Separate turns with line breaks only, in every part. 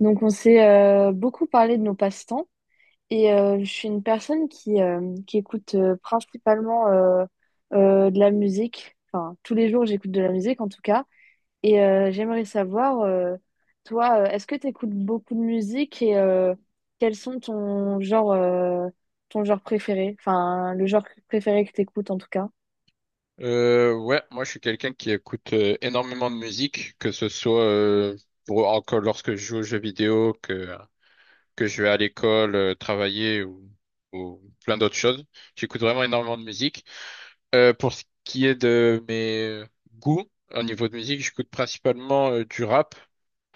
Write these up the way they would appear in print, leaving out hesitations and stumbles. Donc, on s'est beaucoup parlé de nos passe-temps et je suis une personne qui écoute principalement de la musique. Enfin, tous les jours, j'écoute de la musique en tout cas. Et j'aimerais savoir, toi, est-ce que tu écoutes beaucoup de musique et quels sont ton genre préféré? Enfin, le genre préféré que tu écoutes en tout cas.
Ouais, moi je suis quelqu'un qui écoute énormément de musique, que ce soit pour, encore lorsque je joue aux jeux vidéo, que je vais à l'école, travailler ou plein d'autres choses. J'écoute vraiment énormément de musique. Pour ce qui est de mes goûts au niveau de musique, j'écoute principalement du rap,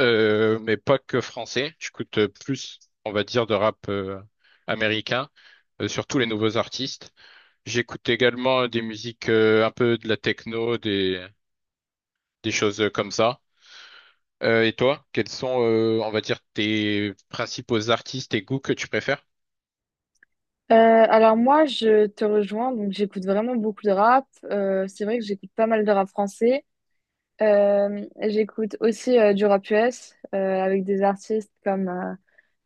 mais pas que français. J'écoute plus, on va dire, de rap américain, surtout les nouveaux artistes. J'écoute également des musiques un peu de la techno, des choses comme ça. Et toi, quels sont, on va dire, tes principaux artistes et goûts que tu préfères?
Alors moi, je te rejoins, donc j'écoute vraiment beaucoup de rap. C'est vrai que j'écoute pas mal de rap français. J'écoute aussi du rap US avec des artistes comme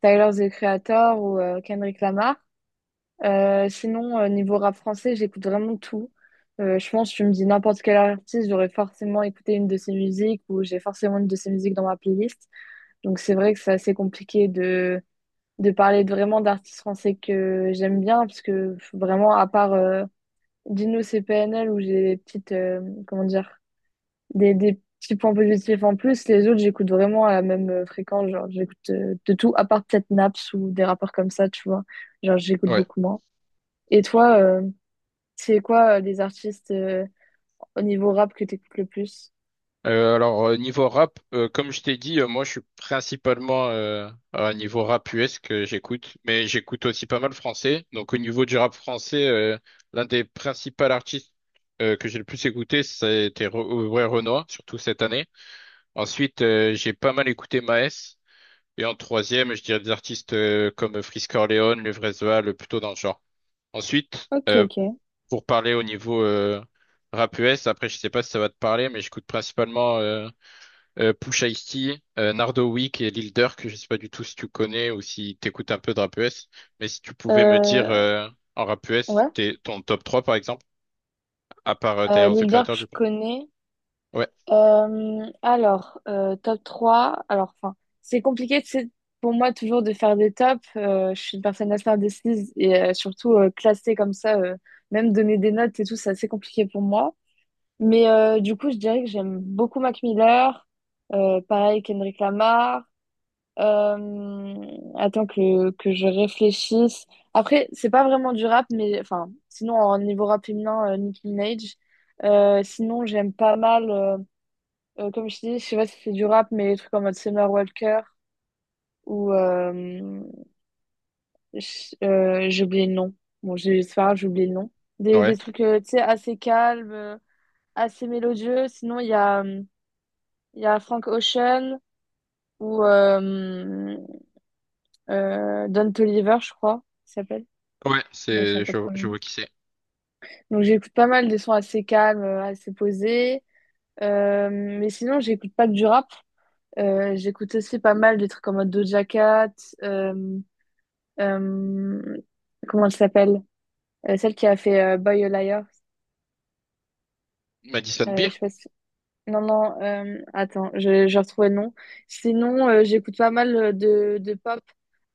Tyler, The Creator ou Kendrick Lamar. Sinon, niveau rap français, j'écoute vraiment tout. Je pense, tu me dis n'importe quel artiste, j'aurais forcément écouté une de ses musiques ou j'ai forcément une de ses musiques dans ma playlist. Donc c'est vrai que c'est assez compliqué de vraiment d'artistes français que j'aime bien, parce que vraiment, à part Dino CPNL, où j'ai des petites, comment dire, des petits points positifs en plus. Les autres, j'écoute vraiment à la même fréquence. Genre, j'écoute de tout, à part peut-être Naps ou des rappeurs comme ça, tu vois. Genre, j'écoute
Ouais.
beaucoup moins. Et toi, c'est quoi les artistes au niveau rap que t'écoutes le plus?
Alors niveau rap, comme je t'ai dit, moi je suis principalement à niveau rap US que j'écoute, mais j'écoute aussi pas mal français. Donc au niveau du rap français, l'un des principaux artistes que j'ai le plus écouté, c'était Aurel Renoir, surtout cette année. Ensuite, j'ai pas mal écouté Maes. Et en troisième, je dirais des artistes comme Frisk Orleans, Levresval, plutôt dans le genre. Ensuite,
Ok, ok.
pour parler au niveau rap US, après je sais pas si ça va te parler, mais j'écoute principalement Pusha T, Nardo Wick et Lil Durk. Je sais pas du tout si tu connais ou si t'écoutes un peu de rap US, mais si tu pouvais me dire
Euh,
en rap US
ouais.
t'es, ton top 3 par exemple, à part
Euh,
Tyler, the
Lil Durk,
Creator
je
du coup.
connais.
Ouais,
Alors, top trois. Alors, enfin, c'est compliqué, c'est pour moi toujours de faire des tops. Je suis une personne assez indécise et surtout classer comme ça, même donner des notes et tout, c'est assez compliqué pour moi. Mais du coup, je dirais que j'aime beaucoup Mac Miller, pareil Kendrick Lamar. Euh, attends que je réfléchisse. Après, c'est pas vraiment du rap, mais enfin, sinon, en niveau rap féminin, Nicki Minaj. Sinon, j'aime pas mal. Comme je dis, je sais pas si c'est du rap, mais des trucs en mode Summer Walker ou j'ai oublié le nom. Bon, j'ai c'est pas grave, j'ai oublié le nom. Des
ouais,
trucs, tu sais, assez calmes, assez mélodieux. Sinon, il y a Frank Ocean ou Don Toliver, je crois, il s'appelle.
ouais,
Je retiens pas trop le
je
nom.
vois qui c'est.
Donc, j'écoute pas mal des sons assez calmes, assez posés. Mais sinon, j'écoute pas que du rap. J'écoute aussi pas mal des trucs en mode Doja Cat. euh, euh, Comment elle s'appelle? Celle qui a fait Boy a Liar.
Madison Beer?
Je sais pas si- Non, non, attends, je retrouvais le nom. Sinon, j'écoute pas mal de pop,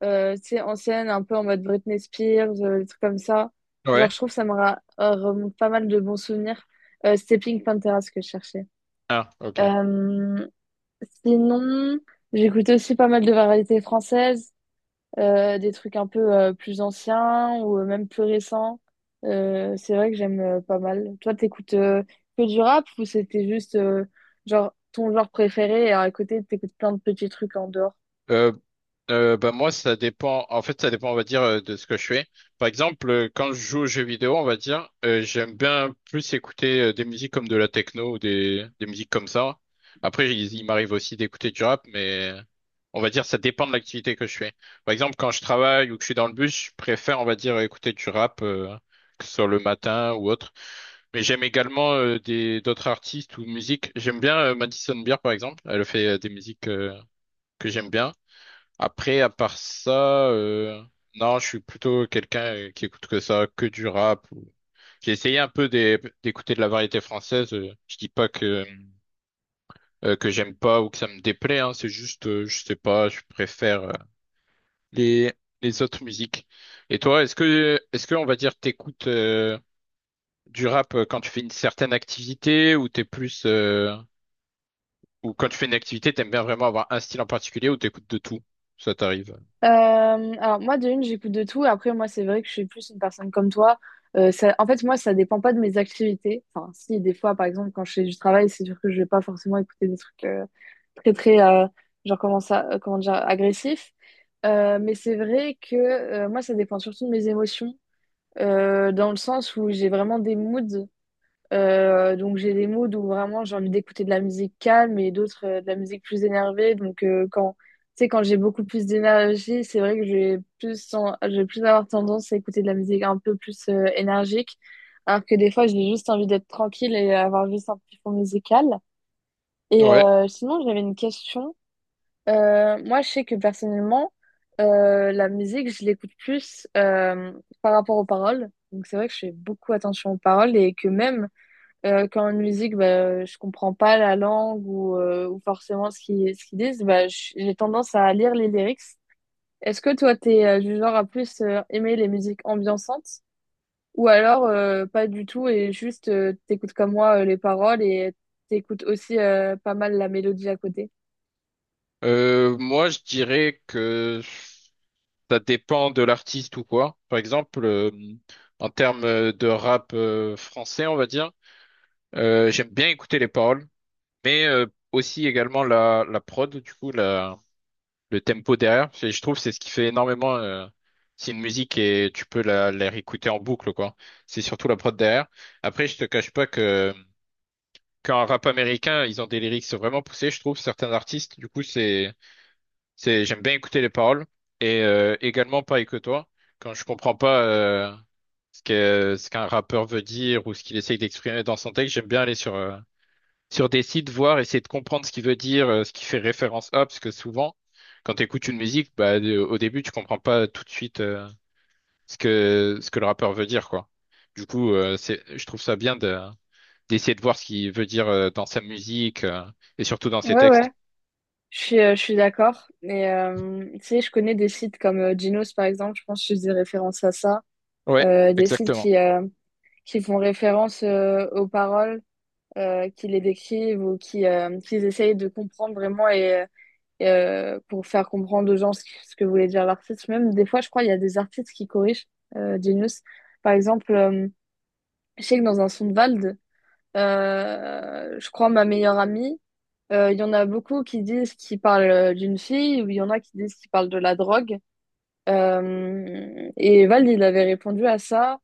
tu sais, ancienne, un peu en mode Britney Spears, des trucs comme ça.
Ouais.
Genre, je trouve que ça me remonte pas mal de bons souvenirs. C'était Pink Pantera, ce que je cherchais.
Ah, ok.
Euh, sinon, j'écoute aussi pas mal de variétés françaises. Des trucs un peu plus anciens ou même plus récents. C'est vrai que j'aime pas mal. Toi, t'écoutes que du rap ou c'était juste genre ton genre préféré et à côté, t'écoutes plein de petits trucs en dehors?
Euh, Bah, moi, ça dépend. En fait, ça dépend, on va dire, de ce que je fais. Par exemple, quand je joue aux jeux vidéo, on va dire, j'aime bien plus écouter des musiques comme de la techno ou des musiques comme ça. Après, il m'arrive aussi d'écouter du rap, mais on va dire, ça dépend de l'activité que je fais. Par exemple, quand je travaille ou que je suis dans le bus, je préfère, on va dire, écouter du rap, que ce soit le matin ou autre. Mais j'aime également des d'autres artistes ou musiques. J'aime bien Madison Beer, par exemple. Elle fait des musiques que j'aime bien. Après, à part ça, non, je suis plutôt quelqu'un qui écoute que ça, que du rap. J'ai essayé un peu d'écouter de la variété française. Je dis pas que j'aime pas ou que ça me déplaît, hein, c'est juste, je sais pas, je préfère les les autres musiques. Et toi, est-ce que on va dire t'écoutes du rap quand tu fais une certaine activité ou t'es plus Ou quand tu fais une activité, t'aimes bien vraiment avoir un style en particulier ou t'écoutes de tout? Ça t'arrive.
Euh, alors moi, de une, j'écoute de tout. Après moi c'est vrai que je suis plus une personne comme toi. En fait moi ça dépend pas de mes activités. Enfin si des fois par exemple quand je fais du travail c'est sûr que je vais pas forcément écouter des trucs très très genre comment ça comment dire agressifs. Mais c'est vrai que moi ça dépend surtout de mes émotions dans le sens où j'ai vraiment des moods. Donc j'ai des moods où vraiment j'ai envie d'écouter de la musique calme et d'autres de la musique plus énervée. Donc quand tu sais, quand j'ai beaucoup plus d'énergie, c'est vrai que je vais plus avoir tendance à écouter de la musique un peu plus énergique, alors que des fois j'ai juste envie d'être tranquille et avoir juste un petit fond musical. Et
Ouais.
sinon j'avais une question. Moi je sais que personnellement la musique je l'écoute plus par rapport aux paroles. Donc c'est vrai que je fais beaucoup attention aux paroles et que même quand en musique, bah, je comprends pas la langue ou forcément ce qu'ils disent, bah, j'ai tendance à lire les lyrics. Est-ce que toi, t'es du genre à plus aimer les musiques ambiançantes ou alors pas du tout et juste t'écoutes comme moi les paroles et t'écoutes aussi pas mal la mélodie à côté?
Moi, je dirais que ça dépend de l'artiste ou quoi. Par exemple, en termes de rap français, on va dire, j'aime bien écouter les paroles. Mais aussi également la prod, du coup, le tempo derrière. Je trouve c'est ce qui fait énormément. C'est une musique et tu peux la réécouter en boucle, quoi. C'est surtout la prod derrière. Après, je te cache pas que quand un rap américain, ils ont des lyrics vraiment poussés, je trouve, certains artistes. Du coup, c'est, j'aime bien écouter les paroles. Et également, pareil que toi, quand je comprends pas ce qu'un rappeur veut dire ou ce qu'il essaye d'exprimer dans son texte, j'aime bien aller sur des sites, voir, essayer de comprendre ce qui veut dire, ce qui fait référence à, parce que souvent, quand tu écoutes une musique, bah, au début, tu comprends pas tout de suite ce que le rappeur veut dire, quoi. Du coup, je trouve ça bien d'essayer de voir ce qu'il veut dire dans sa musique et surtout dans ses
Ouais,
textes.
ouais, je suis d'accord. Et tu sais, je connais des sites comme Genos, par exemple, je pense que je faisais référence à ça.
Ouais,
Des sites
exactement.
qui font référence aux paroles qui les décrivent ou qui, qu'ils essayent de comprendre vraiment, pour faire comprendre aux gens ce que voulait dire l'artiste. Même des fois, je crois, il y a des artistes qui corrigent Genius. Par exemple, je sais que dans un Soundwald, je crois, ma meilleure amie, il y en a beaucoup qui disent qu'ils parlent d'une fille ou il y en a qui disent qu'ils parlent de la drogue. Et Val, il avait répondu à ça,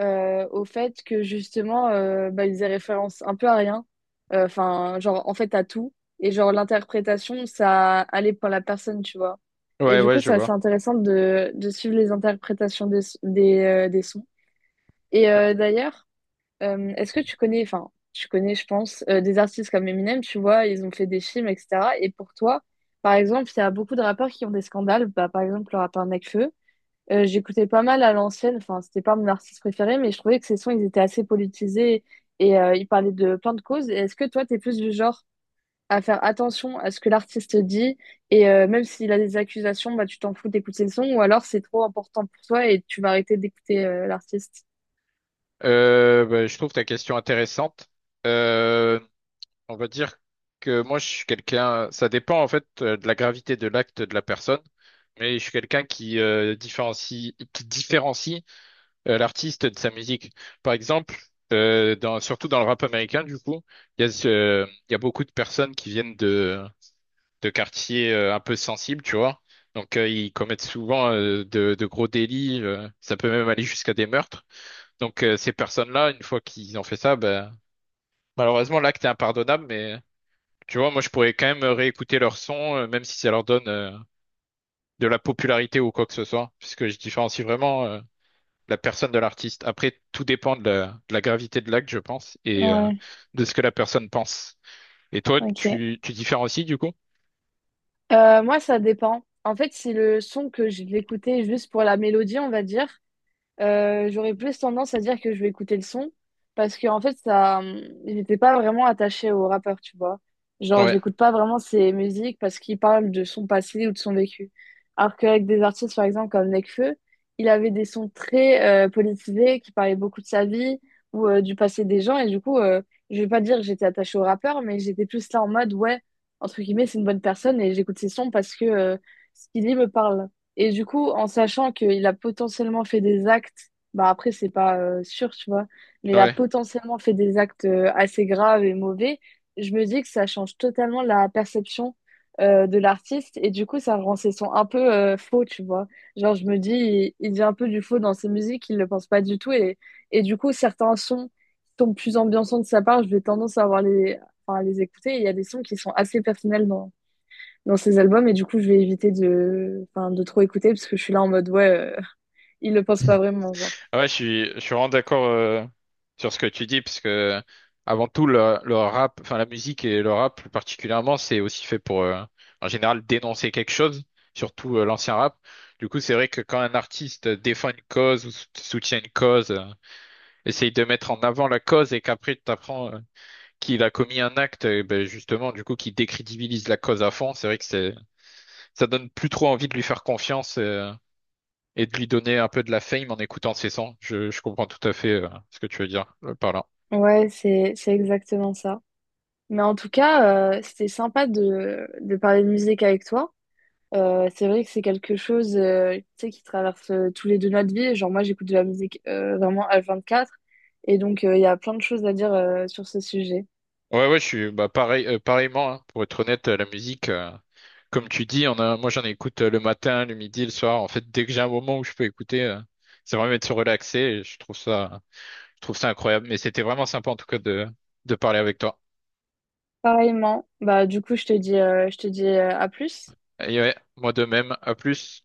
au fait que justement, bah, il faisait référence un peu à rien. Enfin, genre, en fait, à tout. Et genre, l'interprétation, ça allait pour la personne, tu vois. Et
Ouais,
du
ouais,
coup,
je
c'est assez
vois.
intéressant de suivre les interprétations des sons. Et d'ailleurs, est-ce que tu connais, enfin, tu connais, je pense, des artistes comme Eminem, tu vois, ils ont fait des films, etc. Et pour toi, par exemple, il y a beaucoup de rappeurs qui ont des scandales, bah, par exemple, le rappeur Nekfeu. J'écoutais pas mal à l'ancienne, enfin, c'était pas mon artiste préféré, mais je trouvais que ses sons, ils étaient assez politisés et ils parlaient de plein de causes. Et est-ce que toi, t'es plus du genre à faire attention à ce que l'artiste dit et même s'il a des accusations, bah, tu t'en fous d'écouter le son ou alors c'est trop important pour toi et tu vas arrêter d'écouter l'artiste?
Bah, je trouve ta question intéressante. Euh, On va dire que moi, je suis quelqu'un, ça dépend en fait de la gravité de l'acte de la personne, mais je suis quelqu'un qui qui différencie l'artiste de sa musique. Par exemple, surtout dans le rap américain, du coup, il y a beaucoup de personnes qui viennent de quartiers un peu sensibles, tu vois. Donc, ils commettent souvent de gros délits, ça peut même aller jusqu'à des meurtres. Donc, ces personnes-là, une fois qu'ils ont fait ça, ben, malheureusement, l'acte est impardonnable, mais tu vois, moi, je pourrais quand même réécouter leur son, même si ça leur donne de la popularité ou quoi que ce soit, puisque je différencie vraiment la personne de l'artiste. Après, tout dépend de la gravité de l'acte, je pense, et
Ouais,
de ce que la personne pense. Et toi,
ok.
tu différencies du coup?
Ça dépend. En fait, si le son que je l'écoutais juste pour la mélodie, on va dire, j'aurais plus tendance à dire que je vais écouter le son parce que en fait ça j'étais pas vraiment attachée au rappeur, tu vois, genre
Ouais.
j'écoute pas vraiment ses musiques parce qu'il parle de son passé ou de son vécu, alors qu'avec des artistes par exemple comme Nekfeu, il avait des sons très politisés qui parlaient beaucoup de sa vie ou du passé des gens. Et du coup je vais pas dire que j'étais attachée au rappeur, mais j'étais plus là en mode ouais, entre guillemets, c'est une bonne personne, et j'écoute ses sons parce que ce qu'il dit me parle. Et du coup, en sachant qu'il a potentiellement fait des actes, bah après, c'est pas sûr, tu vois, mais il a
Ouais.
potentiellement fait des actes assez graves et mauvais, je me dis que ça change totalement la perception de l'artiste et du coup, ça rend ses sons un peu faux, tu vois. Genre, je me dis, il dit un peu du faux dans ses musiques, il le pense pas du tout, et du coup, certains sons sont plus ambiançants de sa part, je vais tendance à avoir les, enfin, à les écouter, et il y a des sons qui sont assez personnels dans ses albums et du coup je vais éviter de, enfin, de trop écouter parce que je suis là en mode ouais il le pense pas vraiment, genre.
Ah, ouais, je suis vraiment d'accord sur ce que tu dis, parce que avant tout, le rap, enfin la musique et le rap plus particulièrement, c'est aussi fait pour, en général, dénoncer quelque chose, surtout l'ancien rap. Du coup, c'est vrai que quand un artiste défend une cause ou soutient une cause, essaye de mettre en avant la cause et qu'après tu t'apprends qu'il a commis un acte, ben, justement, du coup, qui décrédibilise la cause à fond, c'est vrai que ça donne plus trop envie de lui faire confiance. Et de lui donner un peu de la fame en écoutant ses sons. Je comprends tout à fait ce que tu veux dire par là.
Ouais, c'est exactement ça, mais en tout cas c'était sympa de parler de musique avec toi. C'est vrai que c'est quelque chose tu sais qui traverse tous les deux notre vie, genre moi j'écoute de la musique vraiment H24 et donc il y a plein de choses à dire sur ce sujet.
Ouais, ouais, je suis bah, pareil, pareillement, hein. Pour être honnête, la musique, comme tu dis, moi j'en écoute le matin, le midi, le soir. En fait, dès que j'ai un moment où je peux écouter, ça va me mettre relaxé et je trouve ça incroyable. Mais c'était vraiment sympa en tout cas de parler avec toi.
Pareillement, bah du coup je te dis à plus.
Et ouais, moi de même, à plus.